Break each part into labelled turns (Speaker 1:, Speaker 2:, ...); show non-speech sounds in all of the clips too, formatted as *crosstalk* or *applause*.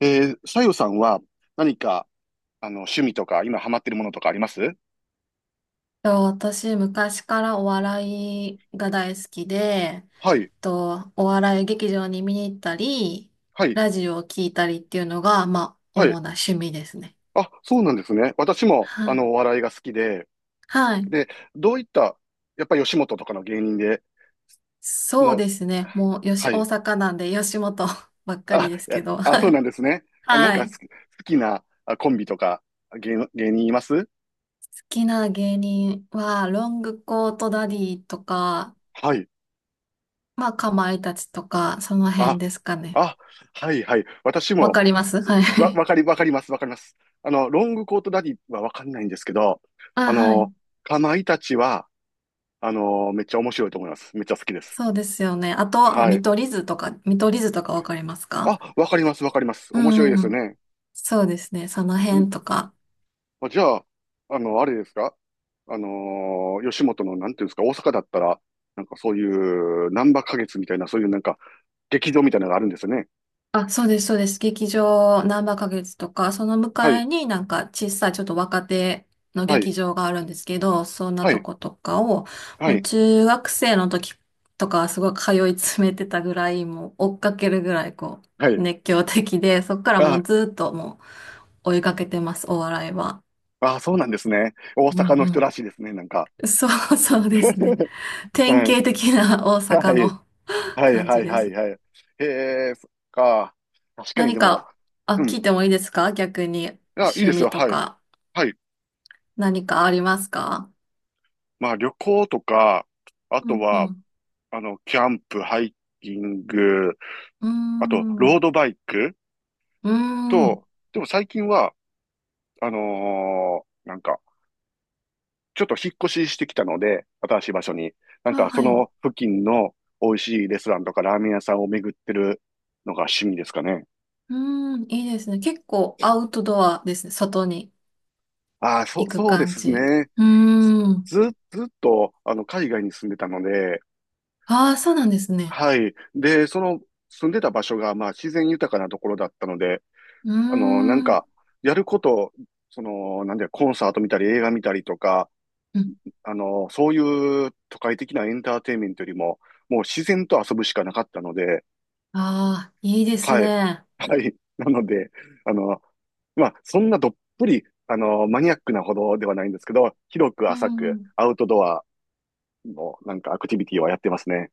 Speaker 1: さよさんは何か、趣味とか、今ハマってるものとかあります？
Speaker 2: 私、昔からお笑いが大好きで、
Speaker 1: はい、
Speaker 2: お笑い劇場に見に行ったり、
Speaker 1: はい、
Speaker 2: ラジオを聞いたりっていうのが、まあ、主
Speaker 1: はい。
Speaker 2: な趣味ですね。
Speaker 1: あ、そうなんですね。私も、
Speaker 2: はい。
Speaker 1: お笑いが好きで、
Speaker 2: はい。
Speaker 1: で、どういった、やっぱ吉本とかの芸人で、
Speaker 2: そう
Speaker 1: の、
Speaker 2: ですね。もう、
Speaker 1: は
Speaker 2: 大
Speaker 1: い。
Speaker 2: 阪なんで、吉本 *laughs* ばっか
Speaker 1: あ、
Speaker 2: りです
Speaker 1: いや、
Speaker 2: けど。
Speaker 1: あ、そうなんですね。
Speaker 2: *laughs*
Speaker 1: あ、なん
Speaker 2: は
Speaker 1: か
Speaker 2: い。好
Speaker 1: 好きなあコンビとか、芸人います？
Speaker 2: きな芸人は、ロングコートダディとか、
Speaker 1: はい。
Speaker 2: まあ、かまいたちとか、その辺
Speaker 1: あ、
Speaker 2: ですかね。
Speaker 1: あ、はいはい。私
Speaker 2: わ
Speaker 1: も、
Speaker 2: かります、
Speaker 1: す
Speaker 2: は
Speaker 1: わ、
Speaker 2: い。
Speaker 1: わかり、わかります、わかります。ロングコートダディはわかんないんですけど、
Speaker 2: *laughs*
Speaker 1: あ
Speaker 2: あ、は
Speaker 1: の、
Speaker 2: い。
Speaker 1: かまいたちは、めっちゃ面白いと思います。めっちゃ好きです。
Speaker 2: そうですよね。あと
Speaker 1: は
Speaker 2: 見
Speaker 1: い。
Speaker 2: 取り図とか、見取り図とかわかりますか？
Speaker 1: あ、わかります、わかります。
Speaker 2: う
Speaker 1: 面
Speaker 2: ん
Speaker 1: 白い
Speaker 2: う
Speaker 1: で
Speaker 2: んう
Speaker 1: すよ
Speaker 2: ん。
Speaker 1: ね。
Speaker 2: そうですね。その辺
Speaker 1: ん
Speaker 2: とか。
Speaker 1: あ、じゃあ、あれですか？あの吉本の、なんていうんですか？大阪だったら、なんかそういう、なんば花月みたいな、そういうなんか、劇場みたいなのがあるんですよね。
Speaker 2: あ、そうです、そうです。劇場、ナンバ花月とか、その向
Speaker 1: は
Speaker 2: か
Speaker 1: い、
Speaker 2: いになんか小さいちょっと若手の
Speaker 1: は
Speaker 2: 劇
Speaker 1: い、
Speaker 2: 場があるんですけど、そんな
Speaker 1: は
Speaker 2: と
Speaker 1: い、
Speaker 2: ことかを、
Speaker 1: は
Speaker 2: もう
Speaker 1: い、
Speaker 2: 中学生の時とかはすごい通い詰めてたぐらい、もう追っかけるぐらい
Speaker 1: はい。
Speaker 2: 熱狂的で、そっからもう
Speaker 1: あ、
Speaker 2: ずっともう追いかけてます、お笑いは。
Speaker 1: ああ、そうなんですね。大
Speaker 2: う
Speaker 1: 阪
Speaker 2: ん
Speaker 1: の人らしいで
Speaker 2: う
Speaker 1: すね、なんか。
Speaker 2: ん。そうですね。
Speaker 1: *laughs*
Speaker 2: 典
Speaker 1: はい。
Speaker 2: 型的な大
Speaker 1: は
Speaker 2: 阪
Speaker 1: い。
Speaker 2: の
Speaker 1: はい、
Speaker 2: 感
Speaker 1: は
Speaker 2: じ
Speaker 1: い、
Speaker 2: で
Speaker 1: はい、
Speaker 2: す。
Speaker 1: はい。へえ、そっか。確かに
Speaker 2: 何
Speaker 1: でも、
Speaker 2: か、あ、
Speaker 1: う
Speaker 2: 聞
Speaker 1: ん。
Speaker 2: いてもいいですか、逆に？
Speaker 1: あ、いいで
Speaker 2: 趣
Speaker 1: す
Speaker 2: 味
Speaker 1: よ。
Speaker 2: と
Speaker 1: はい。
Speaker 2: か
Speaker 1: はい。
Speaker 2: 何かありますか？
Speaker 1: まあ、旅行とか、あ
Speaker 2: う
Speaker 1: と
Speaker 2: んう
Speaker 1: は、
Speaker 2: ん。
Speaker 1: キャンプ、ハイキング、
Speaker 2: うー
Speaker 1: あと、ロー
Speaker 2: ん。
Speaker 1: ドバイク
Speaker 2: うーん。
Speaker 1: と、でも最近は、なんか、ちょっと引っ越ししてきたので、新しい場所に。なん
Speaker 2: あ、
Speaker 1: か、そ
Speaker 2: はい。う
Speaker 1: の付近の美味しいレストランとかラーメン屋さんを巡ってるのが趣味ですかね。
Speaker 2: ーん。いいですね。結構アウトドアですね。外に
Speaker 1: ああ、そ
Speaker 2: 行
Speaker 1: う、
Speaker 2: く
Speaker 1: そうで
Speaker 2: 感
Speaker 1: す
Speaker 2: じ。
Speaker 1: ね。
Speaker 2: う
Speaker 1: ず、
Speaker 2: ーん。
Speaker 1: ずずっと、海外に住んでたので、
Speaker 2: ああ、そうなんですね。
Speaker 1: はい。で、その、住んでた場所が、まあ、自然豊かなところだったので、
Speaker 2: うー
Speaker 1: なん
Speaker 2: ん。
Speaker 1: か、やること、その、なんだよ、コンサート見たり、映画見たりとか、
Speaker 2: うん。
Speaker 1: そういう都会的なエンターテインメントよりも、もう自然と遊ぶしかなかったので、
Speaker 2: ああ、いいです
Speaker 1: はい。
Speaker 2: ね。
Speaker 1: はい。なので、あの、まあ、そんなどっぷり、マニアックなほどではないんですけど、広く
Speaker 2: う
Speaker 1: 浅く
Speaker 2: ん。
Speaker 1: アウトドアの、なんかアクティビティはやってますね。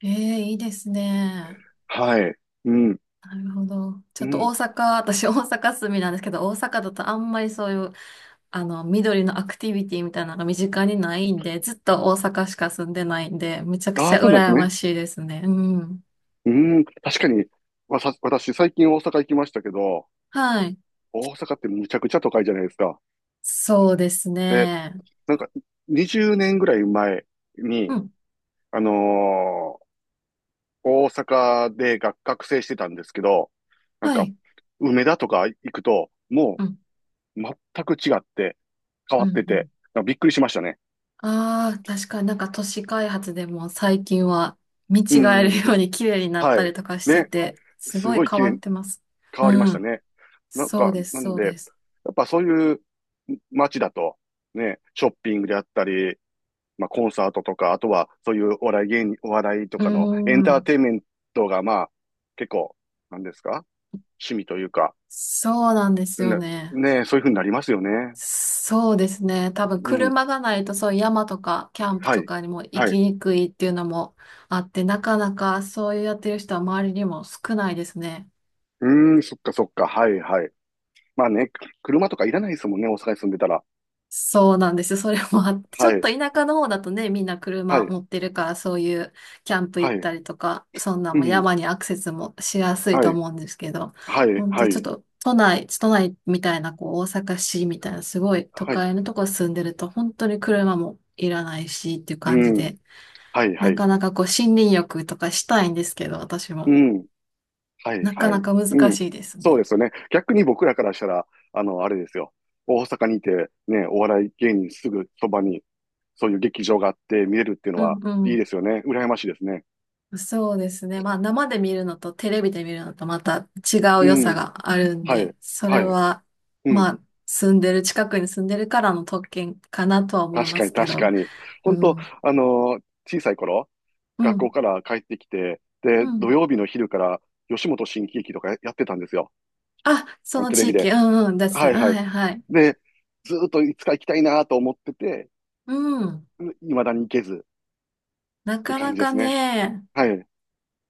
Speaker 2: ええ、いいですね。
Speaker 1: はい。うん。
Speaker 2: なるほど。ち
Speaker 1: う
Speaker 2: ょっと
Speaker 1: ん。
Speaker 2: 大阪、私大阪住みなんですけど、大阪だとあんまりそういう、あの、緑のアクティビティみたいなのが身近にないんで、ずっと大阪しか住んでないんで、めちゃく
Speaker 1: あ
Speaker 2: ち
Speaker 1: あ、
Speaker 2: ゃ
Speaker 1: そうなんです
Speaker 2: 羨
Speaker 1: ね。
Speaker 2: ましいですね。うん。
Speaker 1: うん。確かに、私、最近大阪行きましたけど、
Speaker 2: はい。
Speaker 1: 大阪ってむちゃくちゃ都会じゃないですか。
Speaker 2: そうです
Speaker 1: で、
Speaker 2: ね。
Speaker 1: なんか、20年ぐらい前に、
Speaker 2: うん。
Speaker 1: あのー大阪で学生してたんですけど、なん
Speaker 2: は
Speaker 1: か、
Speaker 2: い。
Speaker 1: 梅田とか行くと、も
Speaker 2: うん。
Speaker 1: う、全く違って、変
Speaker 2: う
Speaker 1: わっ
Speaker 2: ん。
Speaker 1: て
Speaker 2: う
Speaker 1: て、
Speaker 2: ん。
Speaker 1: なんかびっくりしましたね。
Speaker 2: ああ、確かになんか都市開発でも最近は見
Speaker 1: う
Speaker 2: 違え
Speaker 1: んうん。
Speaker 2: るように綺麗になっ
Speaker 1: は
Speaker 2: た
Speaker 1: い。
Speaker 2: りとかして
Speaker 1: ね。
Speaker 2: て、す
Speaker 1: す
Speaker 2: ごい
Speaker 1: ごい
Speaker 2: 変
Speaker 1: 綺
Speaker 2: わ
Speaker 1: 麗
Speaker 2: ってます。
Speaker 1: 変
Speaker 2: う
Speaker 1: わりました
Speaker 2: ん。
Speaker 1: ね。なん
Speaker 2: そう
Speaker 1: か、
Speaker 2: です、
Speaker 1: なん
Speaker 2: そう
Speaker 1: で、や
Speaker 2: です。
Speaker 1: っぱそういう街だと、ね、ショッピングであったり、まあコンサートとか、あとはそういうお笑い芸人、お笑いと
Speaker 2: う
Speaker 1: かのエンター
Speaker 2: ん。
Speaker 1: テインメントがまあ結構、なんですか？趣味というか、
Speaker 2: そうなんですよ
Speaker 1: ね、
Speaker 2: ね。
Speaker 1: ね、そういうふうになりますよね。
Speaker 2: そうですね。多分
Speaker 1: うん、
Speaker 2: 車がないとそういう山とかキャンプ
Speaker 1: は
Speaker 2: と
Speaker 1: い、
Speaker 2: かにも行
Speaker 1: はい。
Speaker 2: きにくいっていうのもあって、なかなかそういうやってる人は周りにも少ないですね。
Speaker 1: うーん、そっかそっか、はいはい。まあね、車とかいらないですもんね、大阪に住んでたら。
Speaker 2: そうなんですよ。それもあって、ち
Speaker 1: は
Speaker 2: ょっ
Speaker 1: い、
Speaker 2: と田舎の方だとね、みんな
Speaker 1: は
Speaker 2: 車
Speaker 1: い、
Speaker 2: 持ってるから、そういうキャンプ行
Speaker 1: は
Speaker 2: っ
Speaker 1: い、
Speaker 2: たりとか、そんな
Speaker 1: う
Speaker 2: んも
Speaker 1: ん、
Speaker 2: 山にアクセスもしやすい
Speaker 1: は
Speaker 2: と
Speaker 1: い、
Speaker 2: 思うんですけど、
Speaker 1: はい、
Speaker 2: ほん
Speaker 1: は
Speaker 2: とちょっ
Speaker 1: い、
Speaker 2: と都内みたいな、こう大阪市みたいな、すごい都
Speaker 1: はい、
Speaker 2: 会のとこ住んでると、本当に車もいらないしっていう
Speaker 1: う
Speaker 2: 感じ
Speaker 1: ん、
Speaker 2: で、
Speaker 1: はい、は
Speaker 2: な
Speaker 1: い。
Speaker 2: かなかこう森林浴とかしたいんですけど、私
Speaker 1: う
Speaker 2: も。
Speaker 1: ん。はい
Speaker 2: なか
Speaker 1: は
Speaker 2: な
Speaker 1: い。
Speaker 2: か
Speaker 1: う
Speaker 2: 難
Speaker 1: ん。
Speaker 2: しいです
Speaker 1: そう
Speaker 2: ね。
Speaker 1: ですよね。逆に僕らからしたら、あれですよ。大阪にいて、ね、お笑い芸人すぐそばに、そういう劇場があって見れるっていうの
Speaker 2: う
Speaker 1: は、いいで
Speaker 2: ん、
Speaker 1: すよね。羨ましいですね。
Speaker 2: そうですね。まあ生で見るのとテレビで見るのとまた違
Speaker 1: う
Speaker 2: う良さ
Speaker 1: ん。
Speaker 2: があるん
Speaker 1: はい。
Speaker 2: で、そ
Speaker 1: は
Speaker 2: れ
Speaker 1: い。
Speaker 2: は
Speaker 1: うん。
Speaker 2: まあ住んでる、近くに住んでるからの特権かなとは思い
Speaker 1: 確
Speaker 2: ま
Speaker 1: かに
Speaker 2: すけ
Speaker 1: 確か
Speaker 2: ど。
Speaker 1: に。
Speaker 2: う
Speaker 1: 本当
Speaker 2: ん。
Speaker 1: あのー小さい頃、
Speaker 2: う
Speaker 1: 学校
Speaker 2: ん。
Speaker 1: から帰ってきて、で、
Speaker 2: う
Speaker 1: 土
Speaker 2: ん。
Speaker 1: 曜日の昼から吉本新喜劇とかやってたんですよ。
Speaker 2: あ、その
Speaker 1: テレ
Speaker 2: 地
Speaker 1: ビ
Speaker 2: 域。
Speaker 1: で。
Speaker 2: うんうん。です
Speaker 1: は
Speaker 2: ね。て、
Speaker 1: いはい。
Speaker 2: はいはい。
Speaker 1: で、ずーっといつか行きたいなと思ってて、
Speaker 2: うん。
Speaker 1: いまだに行けず、
Speaker 2: な
Speaker 1: って
Speaker 2: か
Speaker 1: 感
Speaker 2: な
Speaker 1: じで
Speaker 2: か
Speaker 1: すね。
Speaker 2: ね、
Speaker 1: はい。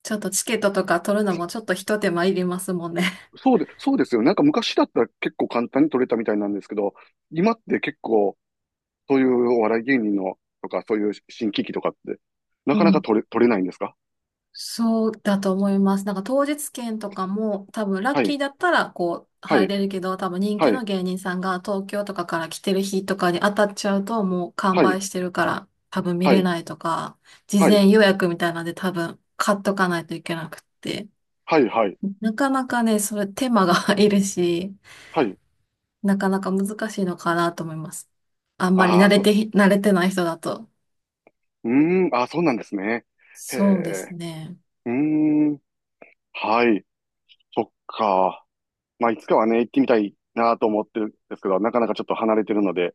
Speaker 2: ちょっとチケットとか取るのもちょっと一手間いりますもんね。
Speaker 1: そうですよ。なんか昔だったら結構簡単に取れたみたいなんですけど、今って結構、そういうお笑い芸人のとか、そういう新喜劇とかって、な
Speaker 2: う
Speaker 1: かなか
Speaker 2: ん。
Speaker 1: 取れないんですか？
Speaker 2: そうだと思います。なんか当日券とかも多分ラッ
Speaker 1: は
Speaker 2: キ
Speaker 1: い、
Speaker 2: ーだったらこう
Speaker 1: は
Speaker 2: 入
Speaker 1: い、
Speaker 2: れるけど、多分人
Speaker 1: は
Speaker 2: 気
Speaker 1: い、
Speaker 2: の芸人さんが東京とかから来てる日とかに当たっちゃうともう完
Speaker 1: はい、
Speaker 2: 売してるから多分見
Speaker 1: は
Speaker 2: れ
Speaker 1: い、
Speaker 2: ないとか、事
Speaker 1: はい、
Speaker 2: 前予約みたいなんで多分買っとかないといけなくって、
Speaker 1: はい、はい、
Speaker 2: なかなかね、それ手間が *laughs* いるし、
Speaker 1: はい。
Speaker 2: なかなか難しいのかなと思います。あんまり
Speaker 1: ああ、
Speaker 2: 慣れてない人だと。
Speaker 1: うーん、ああ、そうなんですね。へ
Speaker 2: そうです
Speaker 1: え、
Speaker 2: ね。
Speaker 1: うーん、はい、そっか。まあ、いつかはね、行ってみたいなと思ってるんですけど、なかなかちょっと離れてるので、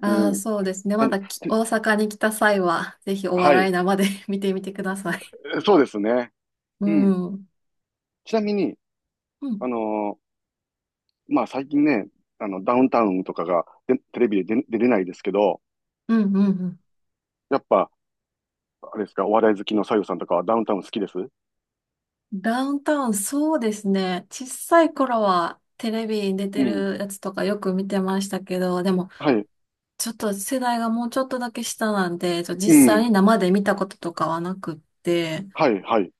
Speaker 2: ああ、
Speaker 1: うん。
Speaker 2: そうですね。
Speaker 1: な
Speaker 2: ま
Speaker 1: んで、
Speaker 2: だき大阪に来た際は、ぜひお
Speaker 1: は
Speaker 2: 笑
Speaker 1: い、
Speaker 2: い生で *laughs* 見てみてください。
Speaker 1: そうですね。
Speaker 2: う
Speaker 1: うん。
Speaker 2: ん。うん。
Speaker 1: ちなみに、
Speaker 2: う
Speaker 1: あ
Speaker 2: ん、
Speaker 1: のーまあ最近ね、ダウンタウンとかがでテレビで出れないですけど、
Speaker 2: うん、うん。
Speaker 1: やっぱ、あれですか、お笑い好きのさゆさんとかはダウンタウン好きです？
Speaker 2: ダウンタウン、そうですね。小さい頃はテレビに出
Speaker 1: う
Speaker 2: て
Speaker 1: ん。
Speaker 2: るやつとかよく見てましたけど、でも、
Speaker 1: はい。
Speaker 2: ちょっと世代がもうちょっとだけ下なんで、
Speaker 1: う
Speaker 2: 実際
Speaker 1: ん。
Speaker 2: に生で見たこととかはなくって、
Speaker 1: はい、はい。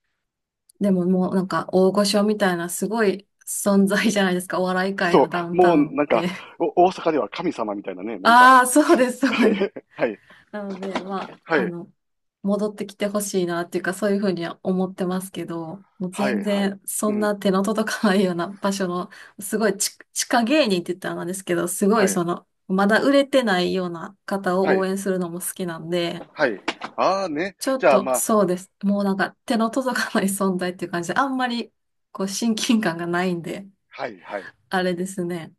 Speaker 2: でももうなんか大御所みたいなすごい存在じゃないですか。お笑い界の
Speaker 1: そ
Speaker 2: ダウ
Speaker 1: う。
Speaker 2: ンタ
Speaker 1: もう、
Speaker 2: ウンっ
Speaker 1: なんか、
Speaker 2: て。
Speaker 1: 大阪では神様みたいなね、なんか。
Speaker 2: ああ、そうです、そう
Speaker 1: は
Speaker 2: です。
Speaker 1: い、はい、
Speaker 2: なので、ま
Speaker 1: は
Speaker 2: あ、あ
Speaker 1: い、
Speaker 2: の、戻ってきてほしいなっていうか、そういうふうには思ってますけど、もう
Speaker 1: は
Speaker 2: 全
Speaker 1: い、はい。
Speaker 2: 然、
Speaker 1: う
Speaker 2: そん
Speaker 1: ん。
Speaker 2: な手の届かないような場所の、すごい地下芸人って言ったらなんですけど、すご
Speaker 1: は
Speaker 2: い
Speaker 1: い、
Speaker 2: その、まだ売れてないような方
Speaker 1: は
Speaker 2: を応
Speaker 1: い、
Speaker 2: 援するのも好きなんで、
Speaker 1: はい。ああね。
Speaker 2: ちょ
Speaker 1: じ
Speaker 2: っ
Speaker 1: ゃあ
Speaker 2: と
Speaker 1: まあ、
Speaker 2: そうです。もうなんか手の届かない存在っていう感じで、あんまりこう親近感がないんで、
Speaker 1: はい、はい。
Speaker 2: あれですね。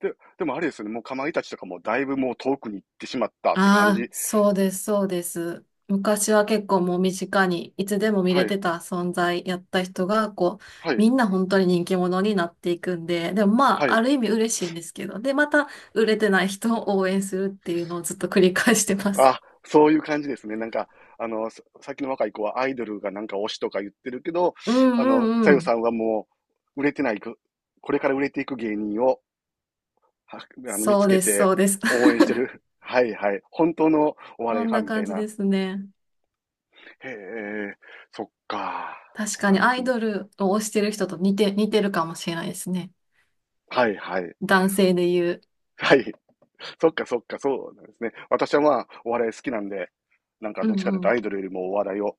Speaker 1: で、でもあれですよね、もうかまいたちとかもだいぶもう遠くに行ってしまったって感
Speaker 2: ああ、
Speaker 1: じ。
Speaker 2: そうです、そうです。昔は結構もう身近にいつでも見れ
Speaker 1: はい、
Speaker 2: てた存在やった人が、こう、
Speaker 1: はい、
Speaker 2: みんな本当に人気者になっていくんで、でもま
Speaker 1: は
Speaker 2: あ、あ
Speaker 1: い。
Speaker 2: る意味嬉しいんですけど、で、また売れてない人を応援するっていうのをずっと繰り返してます。
Speaker 1: あ、そういう感じですね。なんか、さっきの若い子はアイドルがなんか推しとか言ってるけど、
Speaker 2: *laughs* うんう
Speaker 1: さ
Speaker 2: んう
Speaker 1: ゆさ
Speaker 2: ん。
Speaker 1: んはもう、売れてないく、これから売れていく芸人を、はあの、見つ
Speaker 2: そう
Speaker 1: け
Speaker 2: です、
Speaker 1: て
Speaker 2: そうです。
Speaker 1: 応援してる。*laughs* はいはい。本当のお
Speaker 2: *laughs*
Speaker 1: 笑
Speaker 2: そ
Speaker 1: い
Speaker 2: ん
Speaker 1: ファン
Speaker 2: な
Speaker 1: みた
Speaker 2: 感
Speaker 1: い
Speaker 2: じ
Speaker 1: な。
Speaker 2: ですね。
Speaker 1: へえ、そっか。
Speaker 2: 確
Speaker 1: そう
Speaker 2: か
Speaker 1: な
Speaker 2: に
Speaker 1: んで
Speaker 2: ア
Speaker 1: す
Speaker 2: イ
Speaker 1: ね。
Speaker 2: ドルを推してる人と似てるかもしれないですね。
Speaker 1: はいはい。
Speaker 2: 男性で言う。
Speaker 1: はい。そっかそっか、そうなんですね。私はまあ、お笑い好きなんで、なんか
Speaker 2: う
Speaker 1: どっち
Speaker 2: ん
Speaker 1: かというと
Speaker 2: う
Speaker 1: ア
Speaker 2: ん。
Speaker 1: イドルよりもお笑いを、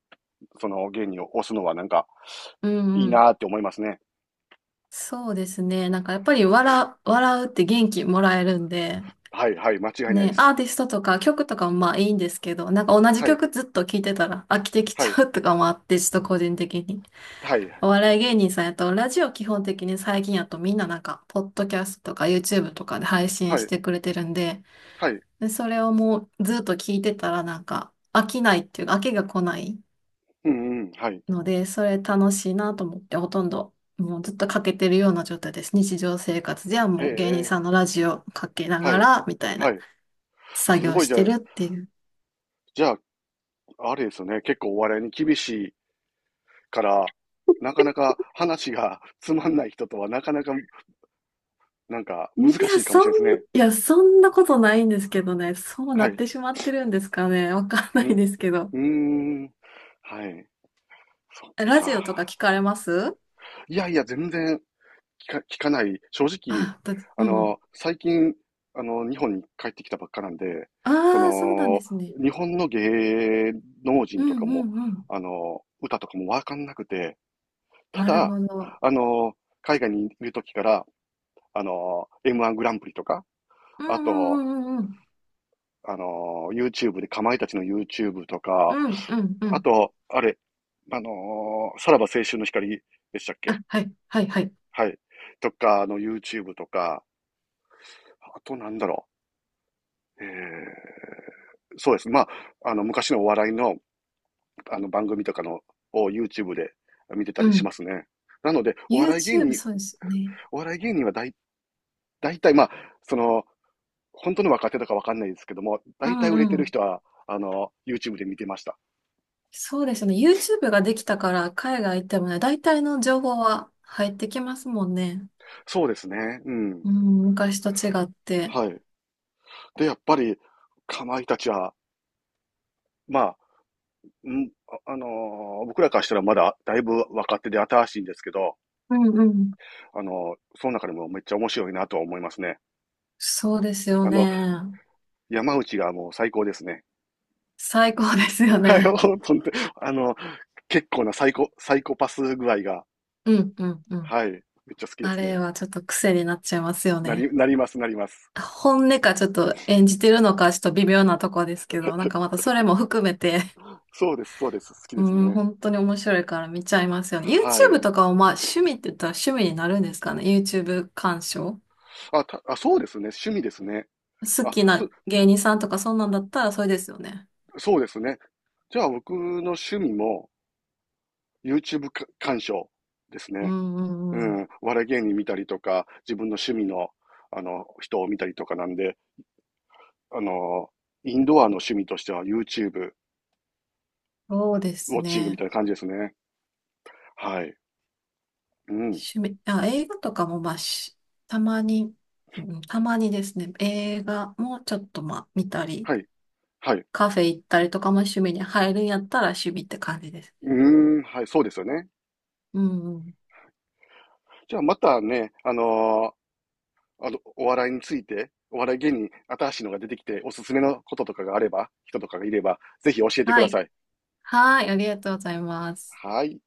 Speaker 1: その芸人を推すのはなんか、
Speaker 2: うん
Speaker 1: いい
Speaker 2: うん。
Speaker 1: なーって思いますね。
Speaker 2: そうですね。なんかやっぱり笑うって元気もらえるんで、
Speaker 1: はいはい、間違いないで
Speaker 2: ね、
Speaker 1: す。
Speaker 2: アーティストとか曲とかもまあいいんですけど、なんか同じ
Speaker 1: はい、
Speaker 2: 曲ずっと聴いてたら飽きてきち
Speaker 1: はい、
Speaker 2: ゃうとかもあって、ちょっと個人的に。
Speaker 1: はい、
Speaker 2: お笑い芸人さんやと、ラジオ基本的に最近やとみんななんか、ポッドキャストとか YouTube とかで配信
Speaker 1: は
Speaker 2: し
Speaker 1: い、
Speaker 2: てくれてるんで、
Speaker 1: はい、
Speaker 2: で、それをもうずっと聴いてたらなんか飽きないっていうか、飽きが来ない。
Speaker 1: うんうん、はい。
Speaker 2: ので、それ楽しいなと思って、ほとんどもうずっとかけてるような状態です。日常生活では
Speaker 1: へ
Speaker 2: もう芸人
Speaker 1: え、
Speaker 2: さんのラジオかけな
Speaker 1: は
Speaker 2: が
Speaker 1: い、
Speaker 2: ら、みたい
Speaker 1: は
Speaker 2: な
Speaker 1: い。
Speaker 2: 作
Speaker 1: す
Speaker 2: 業
Speaker 1: ごい、
Speaker 2: し
Speaker 1: じゃあ、
Speaker 2: てるっていう。
Speaker 1: じゃあ、あれですよね、結構お笑いに厳しいから、なかなか話がつまんない人とはなかなか、なんか難しいかもしれないです
Speaker 2: い
Speaker 1: ね。
Speaker 2: や、そんなことないんですけどね。そう
Speaker 1: は
Speaker 2: なっ
Speaker 1: い。
Speaker 2: てしまってるんですかね。わかんな
Speaker 1: ん
Speaker 2: い
Speaker 1: う
Speaker 2: ですけど。
Speaker 1: ーん。はい。そっ
Speaker 2: ラジオとか
Speaker 1: か。
Speaker 2: 聞かれます？
Speaker 1: いやいや、全然聞かない、正直、
Speaker 2: うん。
Speaker 1: 最近、日本に帰ってきたばっかなんで、そ
Speaker 2: ああ、そうなんで
Speaker 1: の、
Speaker 2: すね。
Speaker 1: 日本の芸能
Speaker 2: う
Speaker 1: 人とか
Speaker 2: んう
Speaker 1: も、
Speaker 2: んうん。
Speaker 1: 歌とかもわかんなくて、た
Speaker 2: なる
Speaker 1: だ、
Speaker 2: ほど。
Speaker 1: あの、海外にいる時から、M1 グランプリとか、
Speaker 2: う
Speaker 1: あ
Speaker 2: んうん
Speaker 1: と、
Speaker 2: うんうんうん。
Speaker 1: YouTube で、かまいたちの YouTube と
Speaker 2: う
Speaker 1: か、
Speaker 2: んうんう
Speaker 1: あ
Speaker 2: ん。
Speaker 1: と、あれ、さらば青春の光でしたっ
Speaker 2: あ、
Speaker 1: け？
Speaker 2: はい、はい、はい。
Speaker 1: はい。とかの YouTube とか、あとなんだろう。えーそうですねまあ、昔のお笑いの、番組とかの、を YouTube で見てた
Speaker 2: う
Speaker 1: りし
Speaker 2: ん。
Speaker 1: ますね。なので、お笑い芸
Speaker 2: YouTube、
Speaker 1: 人、
Speaker 2: そうですよね。
Speaker 1: お笑い芸人は大体、まあ、その、本当の若手とかわかんないですけども、
Speaker 2: う
Speaker 1: 大体売
Speaker 2: ん
Speaker 1: れて
Speaker 2: う
Speaker 1: る
Speaker 2: ん。
Speaker 1: 人は、YouTube で見てました。
Speaker 2: そうですね。YouTube ができたから海外行ってもね、大体の情報は入ってきますもんね。
Speaker 1: そうですね。うん。
Speaker 2: うん、昔と違って。
Speaker 1: はい。で、やっぱり、かまいたちは、まあ、ん僕らからしたらまだだいぶ若手で新しいんですけど、
Speaker 2: うんうん。
Speaker 1: その中でもめっちゃ面白いなとは思いますね。
Speaker 2: そうですよ
Speaker 1: あの、
Speaker 2: ね。
Speaker 1: 山内がもう最高ですね。
Speaker 2: 最高ですよ
Speaker 1: はい、*laughs*
Speaker 2: ね。
Speaker 1: 本当に、あの、結構なサイコパス具合が、
Speaker 2: うんうんうん。
Speaker 1: はい、めっちゃ好きで
Speaker 2: あ
Speaker 1: す
Speaker 2: れ
Speaker 1: ね。
Speaker 2: はちょっと癖になっちゃいますよね。
Speaker 1: なります、なります。
Speaker 2: 本音かちょっと演じてるのかちょっと微妙なとこですけど、なんかまたそれも含めて、
Speaker 1: そうです、そうです、好き
Speaker 2: う
Speaker 1: です
Speaker 2: ん、
Speaker 1: ね。
Speaker 2: 本当に面白いから見ちゃいますよね。
Speaker 1: はい。
Speaker 2: YouTube とかはまあ趣味って言ったら趣味になるんですかね。YouTube 鑑賞。
Speaker 1: あ、そうですね、趣味ですね。
Speaker 2: 好
Speaker 1: あ、
Speaker 2: きな
Speaker 1: と、
Speaker 2: 芸人さんとかそんなんだったらそれですよね。
Speaker 1: そうですね。じゃあ僕の趣味も YouTube か鑑賞です
Speaker 2: う
Speaker 1: ね。
Speaker 2: んう
Speaker 1: う
Speaker 2: んうん。
Speaker 1: ん、お笑い芸人見たりとか、自分の趣味の、人を見たりとかなんで、あの、インドアの趣味としては YouTube、
Speaker 2: そうで
Speaker 1: ウォ
Speaker 2: す
Speaker 1: ッチングみ
Speaker 2: ね。
Speaker 1: たいな感じですね。はい。うん。
Speaker 2: あ、映画とかもまあし、たまに、うん、たまにですね、映画もちょっとまあ見たり、
Speaker 1: はい。はい。
Speaker 2: カフェ行ったりとかも趣味に入るんやったら趣味って感じです。
Speaker 1: うーん。はい。そうですよね。
Speaker 2: うんうん。
Speaker 1: じゃあまたね、お笑いについて、お笑い芸人、新しいのが出てきて、おすすめのこととかがあれば、人とかがいれば、ぜひ教えてく
Speaker 2: は
Speaker 1: ださ
Speaker 2: い。
Speaker 1: い。
Speaker 2: はい、ありがとうございます。
Speaker 1: はい。